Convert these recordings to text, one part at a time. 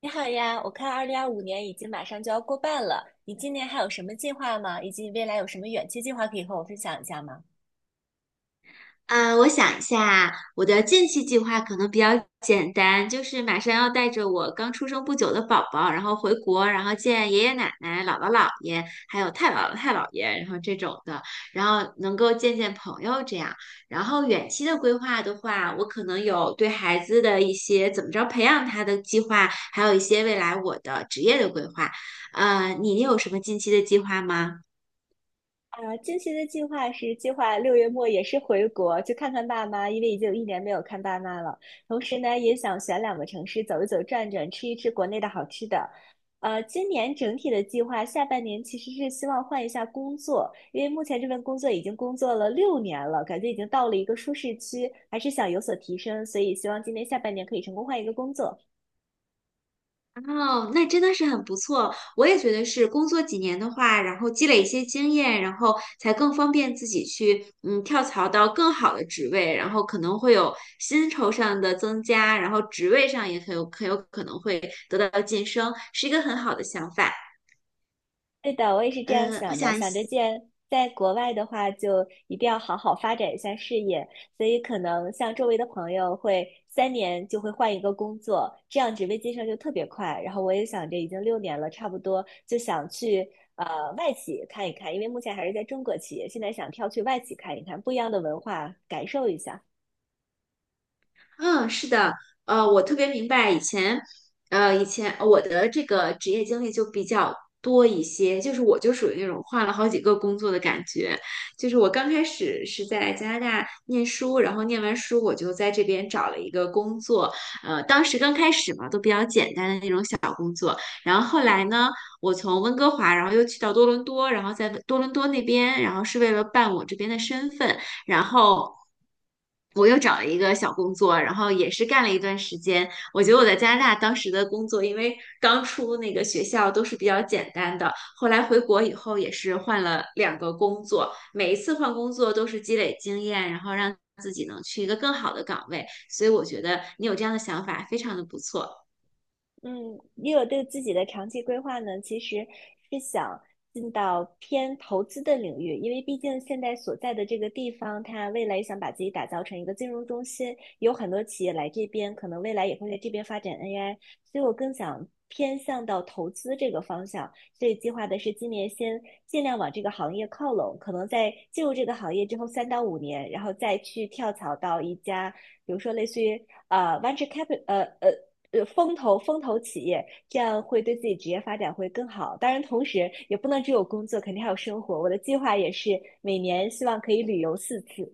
你好呀，我看二零二五年已经马上就要过半了，你今年还有什么计划吗？以及未来有什么远期计划可以和我分享一下吗？嗯，我想一下，我的近期计划可能比较简单，就是马上要带着我刚出生不久的宝宝，然后回国，然后见爷爷奶奶、姥姥姥爷，还有太姥姥太姥爷，然后这种的，然后能够见见朋友这样。然后远期的规划的话，我可能有对孩子的一些怎么着培养他的计划，还有一些未来我的职业的规划。你有什么近期的计划吗？啊，近期的计划是计划六月末也是回国去看看爸妈，因为已经有一年没有看爸妈了。同时呢，也想选两个城市走一走、转转，吃一吃国内的好吃的。今年整体的计划，下半年其实是希望换一下工作，因为目前这份工作已经工作了六年了，感觉已经到了一个舒适区，还是想有所提升，所以希望今年下半年可以成功换一个工作。哦，那真的是很不错。我也觉得是工作几年的话，然后积累一些经验，然后才更方便自己去跳槽到更好的职位，然后可能会有薪酬上的增加，然后职位上也很有可能会得到晋升，是一个很好的想法。对的，我也是这样呃，我想的，想想着既然在国外的话，就一定要好好发展一下事业，所以可能像周围的朋友会三年就会换一个工作，这样职位晋升就特别快。然后我也想着已经六年了，差不多就想去外企看一看，因为目前还是在中国企业，现在想跳去外企看一看，不一样的文化感受一下。嗯，是的，我特别明白以前，以前我的这个职业经历就比较多一些，就是我就属于那种换了好几个工作的感觉，就是我刚开始是在加拿大念书，然后念完书我就在这边找了一个工作，当时刚开始嘛，都比较简单的那种小工作，然后后来呢，我从温哥华，然后又去到多伦多，然后在多伦多那边，然后是为了办我这边的身份。然后我又找了一个小工作，然后也是干了一段时间。我觉得我在加拿大当时的工作，因为刚出那个学校都是比较简单的，后来回国以后也是换了两个工作，每一次换工作都是积累经验，然后让自己能去一个更好的岗位。所以我觉得你有这样的想法，非常的不错。嗯，也有对自己的长期规划呢，其实是想进到偏投资的领域，因为毕竟现在所在的这个地方，它未来想把自己打造成一个金融中心，有很多企业来这边，可能未来也会在这边发展 AI，所以我更想偏向到投资这个方向，所以计划的是今年先尽量往这个行业靠拢，可能在进入这个行业之后三到五年，然后再去跳槽到一家，比如说类似于venture capital，风投企业，这样会对自己职业发展会更好。当然，同时也不能只有工作，肯定还有生活。我的计划也是每年希望可以旅游四次。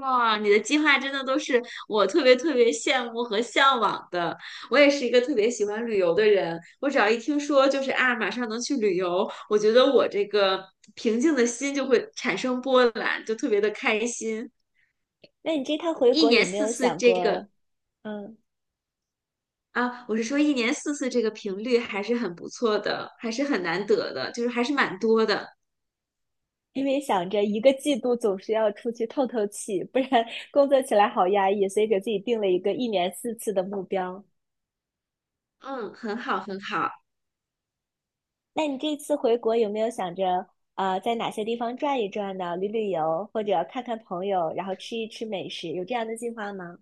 哇，你的计划真的都是我特别特别羡慕和向往的。我也是一个特别喜欢旅游的人，我只要一听说就是啊，马上能去旅游，我觉得我这个平静的心就会产生波澜，就特别的开心。那你这趟回一国有年没四有次想这个过？嗯，啊，我是说一年四次这个频率还是很不错的，还是很难得的，就是还是蛮多的。因为想着一个季度总是要出去透透气，不然 工作起来好压抑，所以给自己定了一个一年四次的目标。嗯，很好，很好。那你这次回国有没有想着，啊，在哪些地方转一转呢？旅游，或者看看朋友，然后吃一吃美食，有这样的计划吗？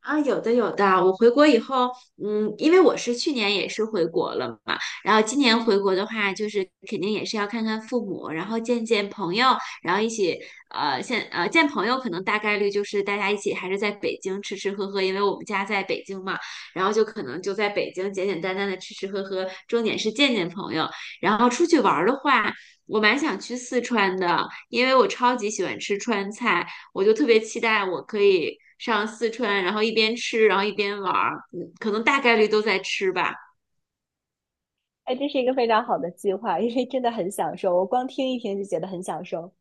啊，有的有的，我回国以后，嗯，因为我是去年也是回国了嘛，然后今年回国的话，就是肯定也是要看看父母，然后见见朋友，然后一起，见朋友可能大概率就是大家一起还是在北京吃吃喝喝，因为我们家在北京嘛，然后就可能就在北京简简单单的吃吃喝喝，重点是见见朋友，然后出去玩儿的话，我蛮想去四川的，因为我超级喜欢吃川菜。我就特别期待我可以上四川，然后一边吃，然后一边玩儿，嗯，可能大概率都在吃吧。哎，这是一个非常好的计划，因为真的很享受，我光听一听就觉得很享受。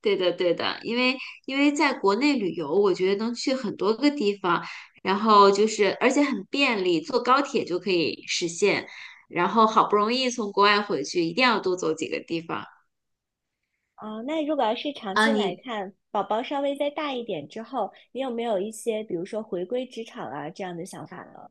对的，对的，因为在国内旅游，我觉得能去很多个地方，然后就是而且很便利，坐高铁就可以实现。然后好不容易从国外回去，一定要多走几个地方啊，那如果要是长啊！期来看，宝宝稍微再大一点之后，你有没有一些，比如说回归职场啊这样的想法呢？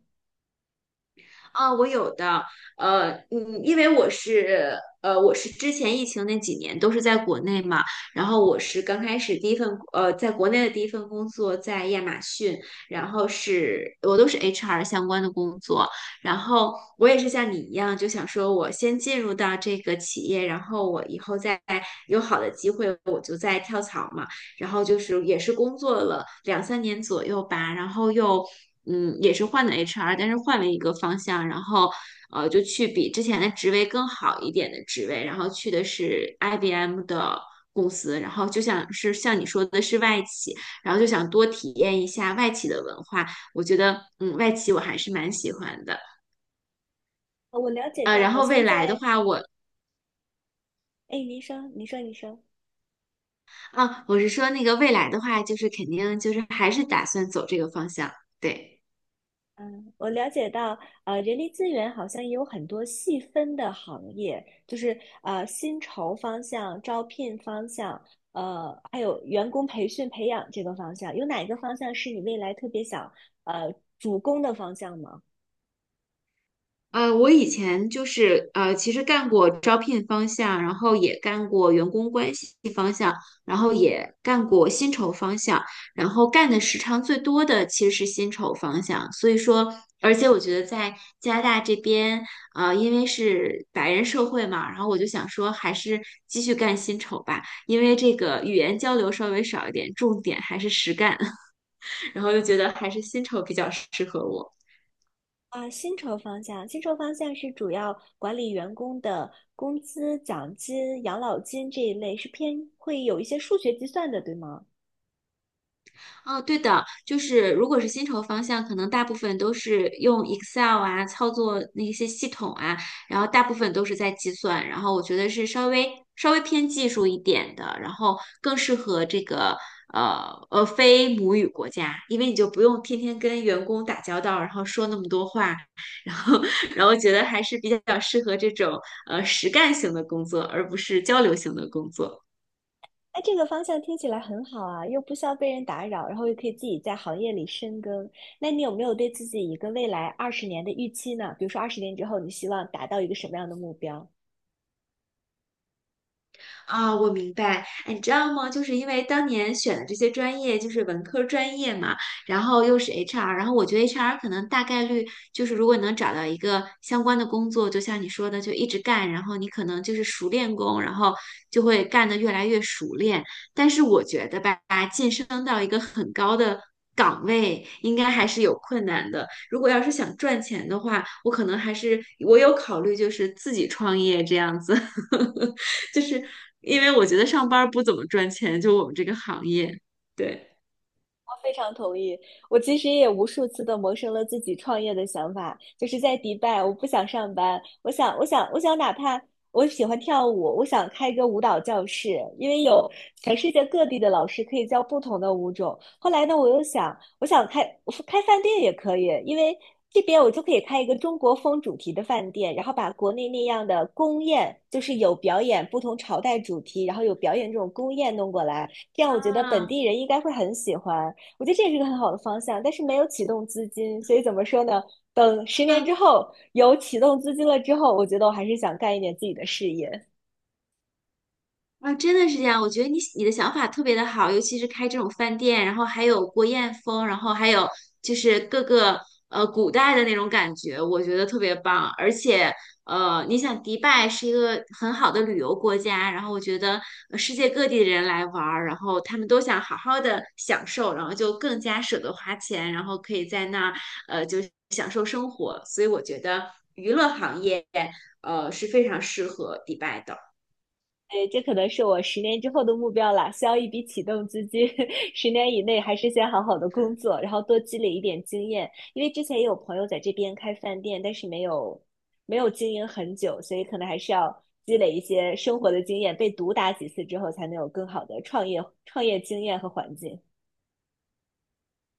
啊，我有的，呃，嗯，因为我是，呃，我是之前疫情那几年都是在国内嘛，然后我是刚开始第一份，呃，在国内的第一份工作在亚马逊，然后是我都是 HR 相关的工作，然后我也是像你一样，就想说我先进入到这个企业，然后我以后再有好的机会，我就再跳槽嘛。然后就是也是工作了两三年左右吧，然后又也是换的 HR，但是换了一个方向，然后就去比之前的职位更好一点的职位，然后去的是 IBM 的公司，然后就想是像你说的是外企，然后就想多体验一下外企的文化，我觉得外企我还是蛮喜欢的。我了解呃，到，然好后像未来的在，话我，哎，您说，您说，您说。啊，我是说那个未来的话，就是肯定就是还是打算走这个方向，对。嗯，我了解到，人力资源好像也有很多细分的行业，就是薪酬方向、招聘方向，还有员工培训培养这个方向，有哪一个方向是你未来特别想主攻的方向吗？我以前就是其实干过招聘方向，然后也干过员工关系方向，然后也干过薪酬方向，然后干的时长最多的其实是薪酬方向。所以说，而且我觉得在加拿大这边，因为是白人社会嘛，然后我就想说，还是继续干薪酬吧，因为这个语言交流稍微少一点，重点还是实干，然后又觉得还是薪酬比较适合我。啊，薪酬方向，薪酬方向是主要管理员工的工资、奖金、养老金这一类，是偏会有一些数学计算的，对吗？哦，对的，就是如果是薪酬方向，可能大部分都是用 Excel 啊，操作那些系统啊，然后大部分都是在计算，然后我觉得是稍微偏技术一点的，然后更适合这个非母语国家，因为你就不用天天跟员工打交道，然后说那么多话，然后 然后觉得还是比较适合这种实干型的工作，而不是交流型的工作。哎，这个方向听起来很好啊，又不需要被人打扰，然后又可以自己在行业里深耕。那你有没有对自己一个未来二十年的预期呢？比如说二十年之后，你希望达到一个什么样的目标？啊，我明白。哎，你知道吗？就是因为当年选的这些专业就是文科专业嘛，然后又是 HR，然后我觉得 HR 可能大概率就是，如果你能找到一个相关的工作，就像你说的，就一直干，然后你可能就是熟练工，然后就会干得越来越熟练。但是我觉得吧，晋升到一个很高的岗位，应该还是有困难的。如果要是想赚钱的话，我可能还是我有考虑，就是自己创业这样子。就是因为我觉得上班儿不怎么赚钱，就我们这个行业，对。非常同意。我其实也无数次的萌生了自己创业的想法，就是在迪拜，我不想上班，我想，哪怕我喜欢跳舞，我想开一个舞蹈教室，因为有全世界各地的老师可以教不同的舞种。后来呢，我又想，我想开饭店也可以，因为这边我就可以开一个中国风主题的饭店，然后把国内那样的宫宴，就是有表演不同朝代主题，然后有表演这种宫宴弄过来，这样我觉得本啊，地人应该会很喜欢。我觉得这也是一个很好的方向，但是没有启动资金，所以怎么说呢？等十年之那后有启动资金了之后，我觉得我还是想干一点自己的事业。啊，真的是这样。我觉得你的想法特别的好，尤其是开这种饭店，然后还有国宴风，然后还有就是各个古代的那种感觉，我觉得特别棒。而且你想迪拜是一个很好的旅游国家，然后我觉得世界各地的人来玩儿，然后他们都想好好的享受，然后就更加舍得花钱，然后可以在那儿就享受生活。所以我觉得娱乐行业是非常适合迪拜的。哎，这可能是我十年之后的目标啦，需要一笔启动资金。十年以内还是先好好的工作，然后多积累一点经验。因为之前也有朋友在这边开饭店，但是没有经营很久，所以可能还是要积累一些生活的经验，被毒打几次之后，才能有更好的创业经验和环境。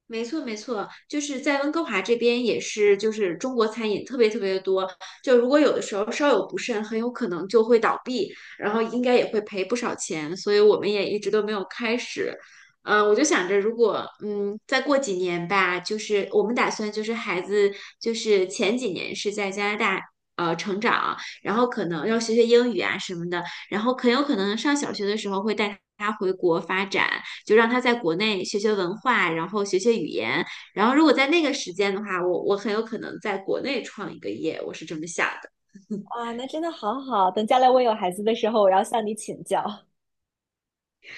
没错，没错，就是在温哥华这边也是，就是中国餐饮特别特别的多。就如果有的时候稍有不慎，很有可能就会倒闭，然后应该也会赔不少钱。所以我们也一直都没有开始。我就想着，如果再过几年吧，就是我们打算就是孩子就是前几年是在加拿大成长，然后可能要学学英语啊什么的，然后很有可能上小学的时候会带他回国发展。就让他在国内学学文化，然后学学语言。然后如果在那个时间的话，我很有可能在国内创一个业，我是这么想的。哇，那真的好好，等将来我有孩子的时候，我要向你请教。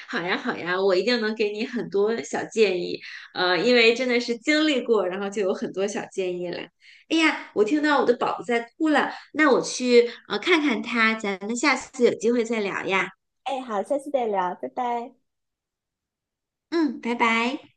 好呀，好呀，我一定能给你很多小建议，因为真的是经历过，然后就有很多小建议了。哎呀，我听到我的宝宝在哭了，那我去看看他，咱们下次有机会再聊呀。哎，好，下次再聊，拜拜。嗯，拜拜。